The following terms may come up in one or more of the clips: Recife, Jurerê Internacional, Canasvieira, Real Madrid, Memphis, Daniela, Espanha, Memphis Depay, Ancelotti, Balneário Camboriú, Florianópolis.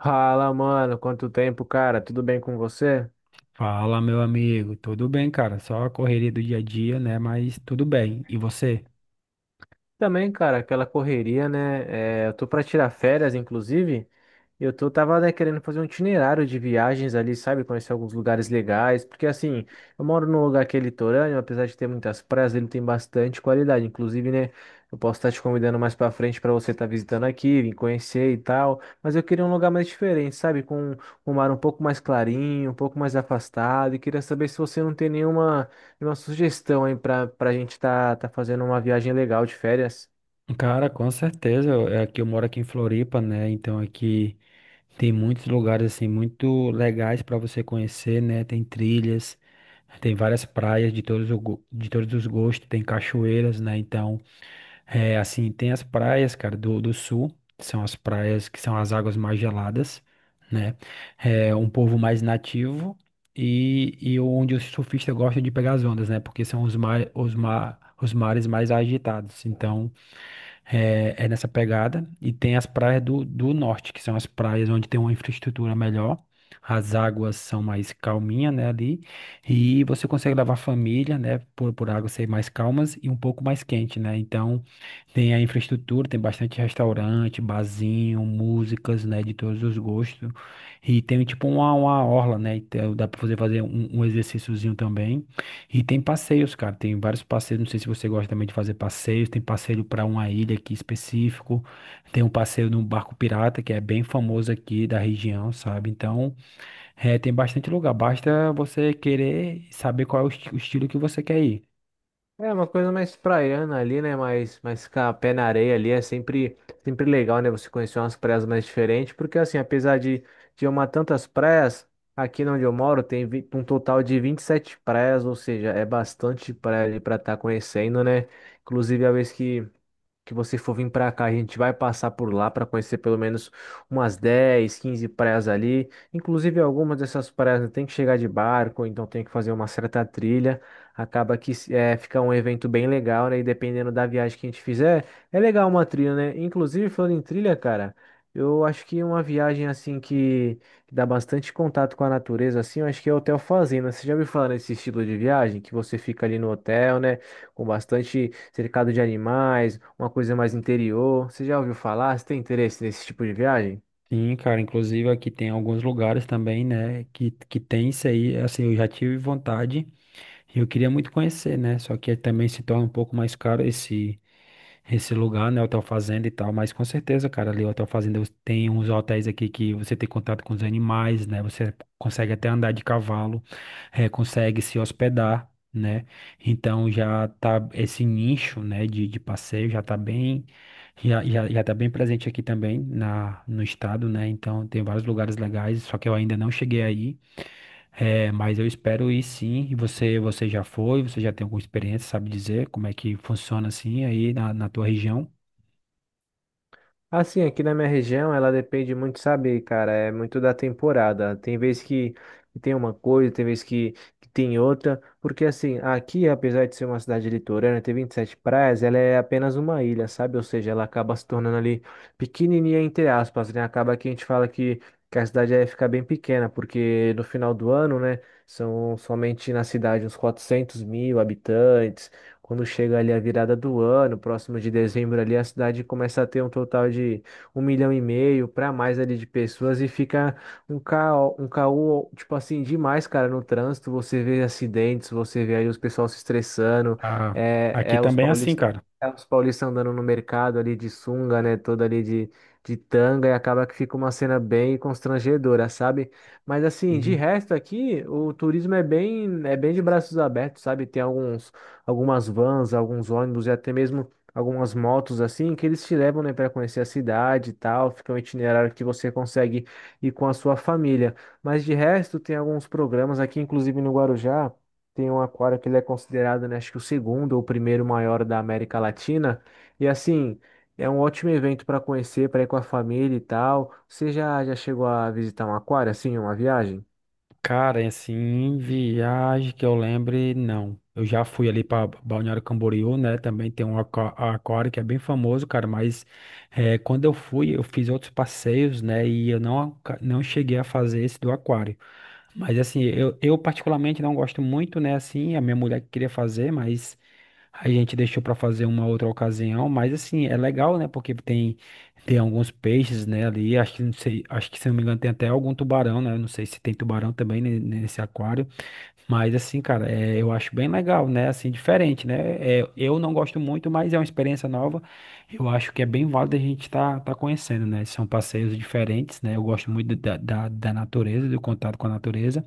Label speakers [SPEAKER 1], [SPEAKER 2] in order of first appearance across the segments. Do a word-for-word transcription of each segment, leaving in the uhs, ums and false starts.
[SPEAKER 1] Fala, mano, quanto tempo, cara? Tudo bem com você?
[SPEAKER 2] Fala, meu amigo. Tudo bem, cara? Só a correria do dia a dia, né? Mas tudo bem. E você?
[SPEAKER 1] Também, cara, aquela correria, né? É, eu tô pra tirar férias, inclusive, e eu tô, tava, né, querendo fazer um itinerário de viagens ali, sabe? Conhecer alguns lugares legais, porque assim, eu moro num lugar que é litorâneo, apesar de ter muitas praias, ele tem bastante qualidade, inclusive, né? Eu posso estar te convidando mais pra frente pra você estar visitando aqui, vir conhecer e tal, mas eu queria um lugar mais diferente, sabe? Com um mar um pouco mais clarinho, um pouco mais afastado, e queria saber se você não tem nenhuma. E uma sugestão aí pra, pra gente tá, tá fazendo uma viagem legal de férias.
[SPEAKER 2] Cara, com certeza. É que eu moro aqui em Floripa, né? Então aqui tem muitos lugares assim muito legais para você conhecer, né? Tem trilhas, tem várias praias de todos, o go- de todos os gostos, tem cachoeiras, né? Então, é, assim, tem as praias, cara, do, do sul, que são as praias que são as águas mais geladas, né? É um povo mais nativo e, e onde os surfistas gostam de pegar as ondas, né? Porque são os, mar, os, mar, os mares mais agitados. Então, é, é nessa pegada. E tem as praias do, do norte, que são as praias onde tem uma infraestrutura melhor. As águas são mais calminhas, né, ali. E você consegue levar a família, né, por, por águas ser mais calmas e um pouco mais quente, né? Então, tem a infraestrutura, tem bastante restaurante, barzinho, músicas, né, de todos os gostos. E tem, tipo, uma, uma orla, né? Então, dá para você fazer um, um exercíciozinho também. E tem passeios, cara. Tem vários passeios. Não sei se você gosta também de fazer passeios. Tem passeio para uma ilha aqui específico. Tem um passeio num barco pirata, que é bem famoso aqui da região, sabe? Então, é, tem bastante lugar. Basta você querer saber qual é o esti- o estilo que você quer ir.
[SPEAKER 1] É uma coisa mais praiana ali, né? Mais, mais ficar pé na areia ali é sempre, sempre legal, né? Você conhecer umas praias mais diferentes. Porque assim, apesar de, de eu amar tantas praias, aqui onde eu moro tem vi- um total de vinte e sete praias, ou seja, é bastante praia ali pra estar conhecendo, né? Inclusive a vez que, que você for vir para cá, a gente vai passar por lá para conhecer pelo menos umas dez, quinze praias ali. Inclusive, algumas dessas praias né, tem que chegar de barco, ou então tem que fazer uma certa trilha. Acaba que é, fica um evento bem legal, né? E dependendo da viagem que a gente fizer, é legal uma trilha, né? Inclusive, falando em trilha, cara, eu acho que uma viagem assim que, que dá bastante contato com a natureza, assim, eu acho que é o Hotel Fazenda. Você já ouviu falar nesse estilo de viagem? Que você fica ali no hotel, né? Com bastante cercado de animais, uma coisa mais interior. Você já ouviu falar? Você tem interesse nesse tipo de viagem?
[SPEAKER 2] Sim, cara. Inclusive aqui tem alguns lugares também, né? Que, que tem isso aí. Assim, eu já tive vontade. E eu queria muito conhecer, né? Só que também se torna um pouco mais caro esse esse lugar, né? Hotel Fazenda e tal. Mas com certeza, cara, ali o Hotel Fazenda você tem uns hotéis aqui que você tem contato com os animais, né? Você consegue até andar de cavalo, eh, consegue se hospedar, né? Então já tá esse nicho, né, de, de passeio já tá bem. Já, já, já tá bem presente aqui também na, no estado, né? Então tem vários lugares legais, só que eu ainda não cheguei aí. É, mas eu espero ir sim. E você, você já foi, você já tem alguma experiência, sabe dizer como é que funciona assim aí na, na tua região?
[SPEAKER 1] Assim, aqui na minha região, ela depende muito, sabe, cara, é muito da temporada. Tem vez que que tem uma coisa, tem vez que, que tem outra, porque assim, aqui, apesar de ser uma cidade litorânea, ter vinte e sete praias, ela é apenas uma ilha, sabe? Ou seja, ela acaba se tornando ali pequenininha, entre aspas, né? Acaba que a gente fala que, que a cidade ia ficar bem pequena, porque no final do ano, né, são somente na cidade uns quatrocentos mil habitantes. Quando chega ali a virada do ano, próximo de dezembro ali, a cidade começa a ter um total de um milhão e meio para mais ali de pessoas e fica um caos, um caos, tipo assim, demais, cara, no trânsito. Você vê acidentes, você vê aí os pessoal se estressando,
[SPEAKER 2] Ah,
[SPEAKER 1] é,
[SPEAKER 2] aqui
[SPEAKER 1] é os
[SPEAKER 2] também é assim,
[SPEAKER 1] paulistas,
[SPEAKER 2] cara.
[SPEAKER 1] é os paulistas andando no mercado ali de sunga, né, toda ali de, de tanga, e acaba que fica uma cena bem constrangedora, sabe? Mas assim, de
[SPEAKER 2] Uhum.
[SPEAKER 1] resto aqui, o turismo é bem, é bem de braços abertos, sabe? Tem alguns algumas vans, alguns ônibus e até mesmo algumas motos assim, que eles te levam, né, para conhecer a cidade e tal. Fica um itinerário que você consegue ir com a sua família. Mas de resto, tem alguns programas aqui, inclusive no Guarujá, tem um aquário que ele é considerado, né, acho que o segundo ou o primeiro maior da América Latina. E assim, é um ótimo evento para conhecer, para ir com a família e tal. Você já, já chegou a visitar um aquário assim, em uma viagem?
[SPEAKER 2] Cara, é assim, em viagem que eu lembre, não. Eu já fui ali para Balneário Camboriú, né? Também tem um aqua- aquário que é bem famoso, cara. Mas eh, quando eu fui, eu fiz outros passeios, né? E eu não, aca- não cheguei a fazer esse do aquário. Mas assim, eu, eu particularmente não gosto muito, né? Assim, a minha mulher que queria fazer, mas. A gente deixou para fazer uma outra ocasião, mas assim, é legal, né? Porque tem, tem alguns peixes, né, ali. Acho que não sei, acho que se não me engano tem até algum tubarão, né? Eu não sei se tem tubarão também ne- nesse aquário. Mas assim, cara, é, eu acho bem legal, né? Assim, diferente, né? É, eu não gosto muito, mas é uma experiência nova. Eu acho que é bem válido a gente tá, tá conhecendo, né? São passeios diferentes, né? Eu gosto muito da, da, da natureza, do contato com a natureza.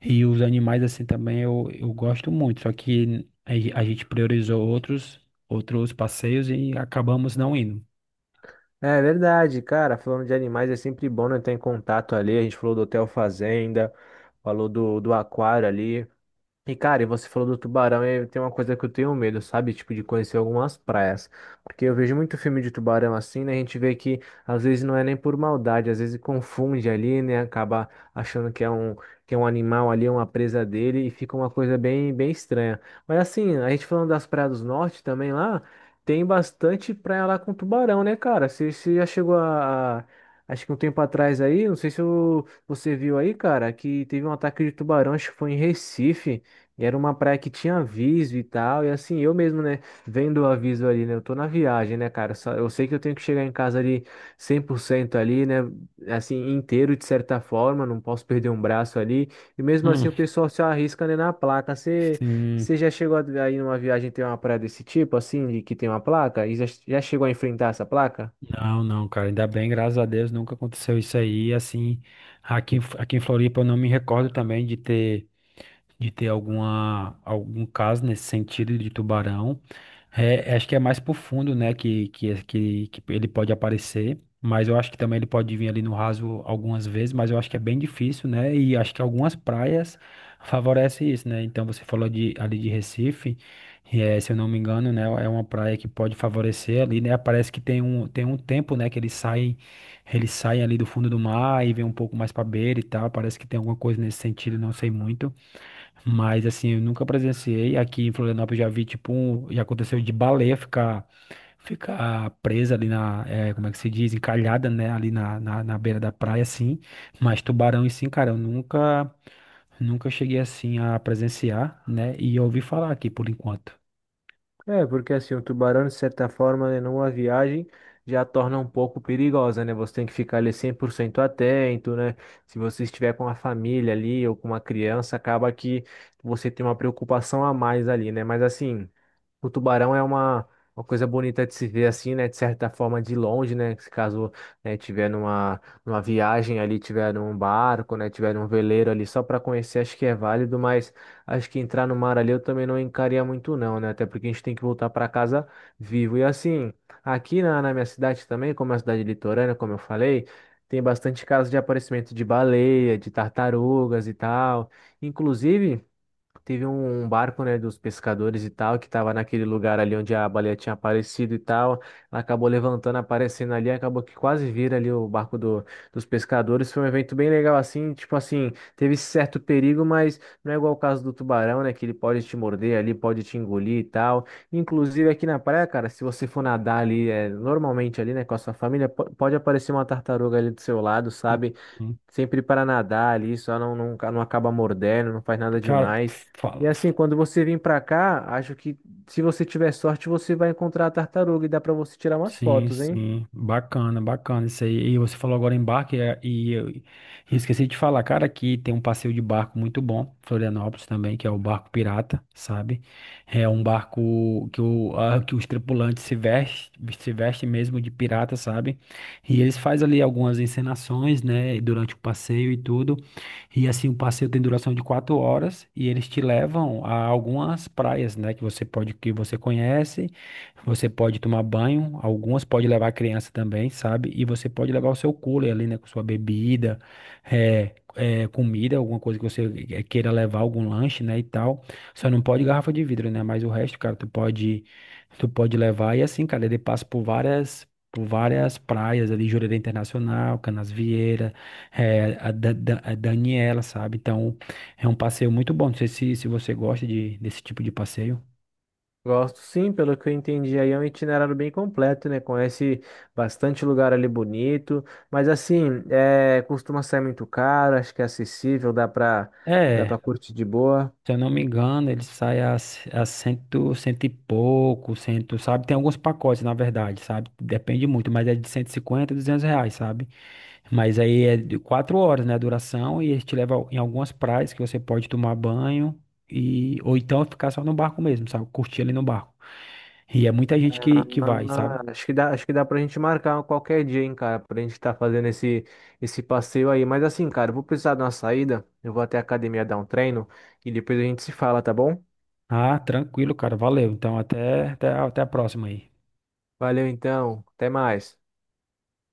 [SPEAKER 2] E os animais assim também eu, eu gosto muito, só que a a gente priorizou outros outros passeios e acabamos não indo.
[SPEAKER 1] É verdade, cara. Falando de animais, é sempre bom, né, estar em contato ali. A gente falou do Hotel Fazenda, falou do, do aquário ali. E, cara, e você falou do tubarão, e tem uma coisa que eu tenho medo, sabe? Tipo, de conhecer algumas praias. Porque eu vejo muito filme de tubarão assim, né? A gente vê que às vezes não é nem por maldade, às vezes confunde ali, né? Acaba achando que é um, que é um animal ali, uma presa dele, e fica uma coisa bem, bem estranha. Mas assim, a gente falando das praias do norte também lá, tem bastante praia lá com tubarão, né, cara? Você, você já chegou a. a- acho que um tempo atrás aí, não sei se o- você viu aí, cara, que teve um ataque de tubarão, acho que foi em Recife. E era uma praia que tinha aviso e tal, e assim, eu mesmo, né, vendo o aviso ali, né, eu tô na viagem, né, cara, só, eu sei que eu tenho que chegar em casa ali cem por cento ali, né, assim, inteiro de certa forma, não posso perder um braço ali, e mesmo
[SPEAKER 2] Hum,
[SPEAKER 1] assim o pessoal se arrisca, né, na placa, você
[SPEAKER 2] sim.
[SPEAKER 1] você já, chegou aí numa viagem, tem uma praia desse tipo, assim, de que tem uma placa, e já, já chegou a enfrentar essa placa?
[SPEAKER 2] Não, não, cara, ainda bem, graças a Deus, nunca aconteceu isso aí, assim, aqui, em F- aqui em Floripa eu não me recordo também de ter de ter alguma, algum caso nesse sentido de tubarão. É, é, acho que é mais pro fundo, né, que, que, que, que ele pode aparecer, mas eu acho que também ele pode vir ali no raso algumas vezes, mas eu acho que é bem difícil, né, e acho que algumas praias favorecem isso, né, então você falou de, ali de Recife, e, eh, se eu não me engano, né, é uma praia que pode favorecer ali, né, parece que tem um, tem um tempo, né, que eles saem, eles saem ali do fundo do mar e vem um pouco mais pra beira e tal, parece que tem alguma coisa nesse sentido, não sei muito, mas assim, eu nunca presenciei. Aqui em Florianópolis já vi, tipo, um, já aconteceu de baleia ficar, ficar, presa ali na, eh, como é que se diz? Encalhada, né? Ali na, na, na beira da praia, assim. Mas tubarão e sim cara, eu nunca, nunca cheguei assim a presenciar, né? E eu ouvi falar aqui por enquanto.
[SPEAKER 1] É, porque assim, o tubarão, de certa forma, né, numa viagem já torna um pouco perigosa, né? Você tem que ficar ali cem por cento atento, né? Se você estiver com a família ali ou com uma criança, acaba que você tem uma preocupação a mais ali, né? Mas assim, o tubarão é uma, uma coisa bonita de se ver assim, né? De certa forma, de longe, né? Se caso, né, tiver numa, numa viagem ali, tiver num barco, né? Tiver num veleiro ali, só para conhecer, acho que é válido, mas acho que entrar no mar ali eu também não encaria muito, não, né? Até porque a gente tem que voltar para casa vivo. E assim, aqui na, na minha cidade também, como é uma cidade litorânea, como eu falei, tem bastante casos de aparecimento de baleia, de tartarugas e tal. Inclusive, teve um um barco, né, dos pescadores e tal, que tava naquele lugar ali onde a baleia tinha aparecido e tal. Ela acabou levantando, aparecendo ali, acabou que quase vira ali o barco do, dos pescadores. Foi um evento bem legal assim, tipo assim, teve esse certo perigo, mas não é igual o caso do tubarão, né, que ele pode te morder ali, pode te engolir e tal. Inclusive aqui na praia, cara, se você for nadar ali, é, normalmente ali, né, com a sua família, po- pode aparecer uma tartaruga ali do seu lado, sabe?
[SPEAKER 2] Hum.
[SPEAKER 1] Sempre para nadar ali, só não, não, não acaba mordendo, não faz nada
[SPEAKER 2] Cara,
[SPEAKER 1] demais.
[SPEAKER 2] fala.
[SPEAKER 1] E assim, quando você vir para cá, acho que se você tiver sorte, você vai encontrar a tartaruga e dá para você tirar umas
[SPEAKER 2] Sim,
[SPEAKER 1] fotos, hein?
[SPEAKER 2] sim, bacana, bacana isso aí. E você falou agora em barco, e, e eu e esqueci de falar, cara, aqui tem um passeio de barco muito bom, Florianópolis também, que é o barco pirata, sabe? É um barco que, o, a- que os tripulantes se vestem, se vestem mesmo de pirata, sabe? E eles fazem ali algumas encenações, né, durante o passeio e tudo. E assim, o passeio tem duração de quatro horas e eles te levam a algumas praias, né, que você pode, que você conhece. Você pode tomar banho, algumas pode levar a criança também, sabe? E você pode levar o seu cooler ali, né? Com sua bebida, eh, eh, comida, alguma coisa que você eh, queira levar, algum lanche, né? E tal. Só não pode garrafa de vidro, né? Mas o resto, cara, tu pode, tu pode levar. E assim, cara, ele passa por várias. Por várias praias ali, Jurerê Internacional, Canasvieira, eh, a Da- Da- a Daniela, sabe? Então, é um passeio muito bom. Não sei se, se você gosta de, desse tipo de passeio.
[SPEAKER 1] Gosto sim, pelo que eu entendi aí, é um itinerário bem completo, né? Conhece bastante lugar ali bonito, mas assim, é, costuma sair muito caro, acho que é acessível, dá para dá
[SPEAKER 2] É,
[SPEAKER 1] para curtir de boa.
[SPEAKER 2] se eu não me engano, ele sai a, c- a cento, cento e pouco, cento, sabe? Tem alguns pacotes, na verdade, sabe? Depende muito, mas é de cento e cinquenta, duzentos reais, sabe? Mas aí é de quatro horas, né, a duração, e ele te leva em algumas praias que você pode tomar banho, e ou então ficar só no barco mesmo, sabe? Curtir ali no barco. E é muita gente que, que vai, sabe?
[SPEAKER 1] Ah, acho que dá, acho que dá pra gente marcar qualquer dia, hein, cara, pra gente tá fazendo esse, esse passeio aí. Mas assim, cara, eu vou precisar de uma saída. Eu vou até a academia dar um treino e depois a gente se fala, tá bom?
[SPEAKER 2] Ah, tranquilo, cara, valeu. Então até, até, a- até a próxima aí.
[SPEAKER 1] Valeu então, até mais.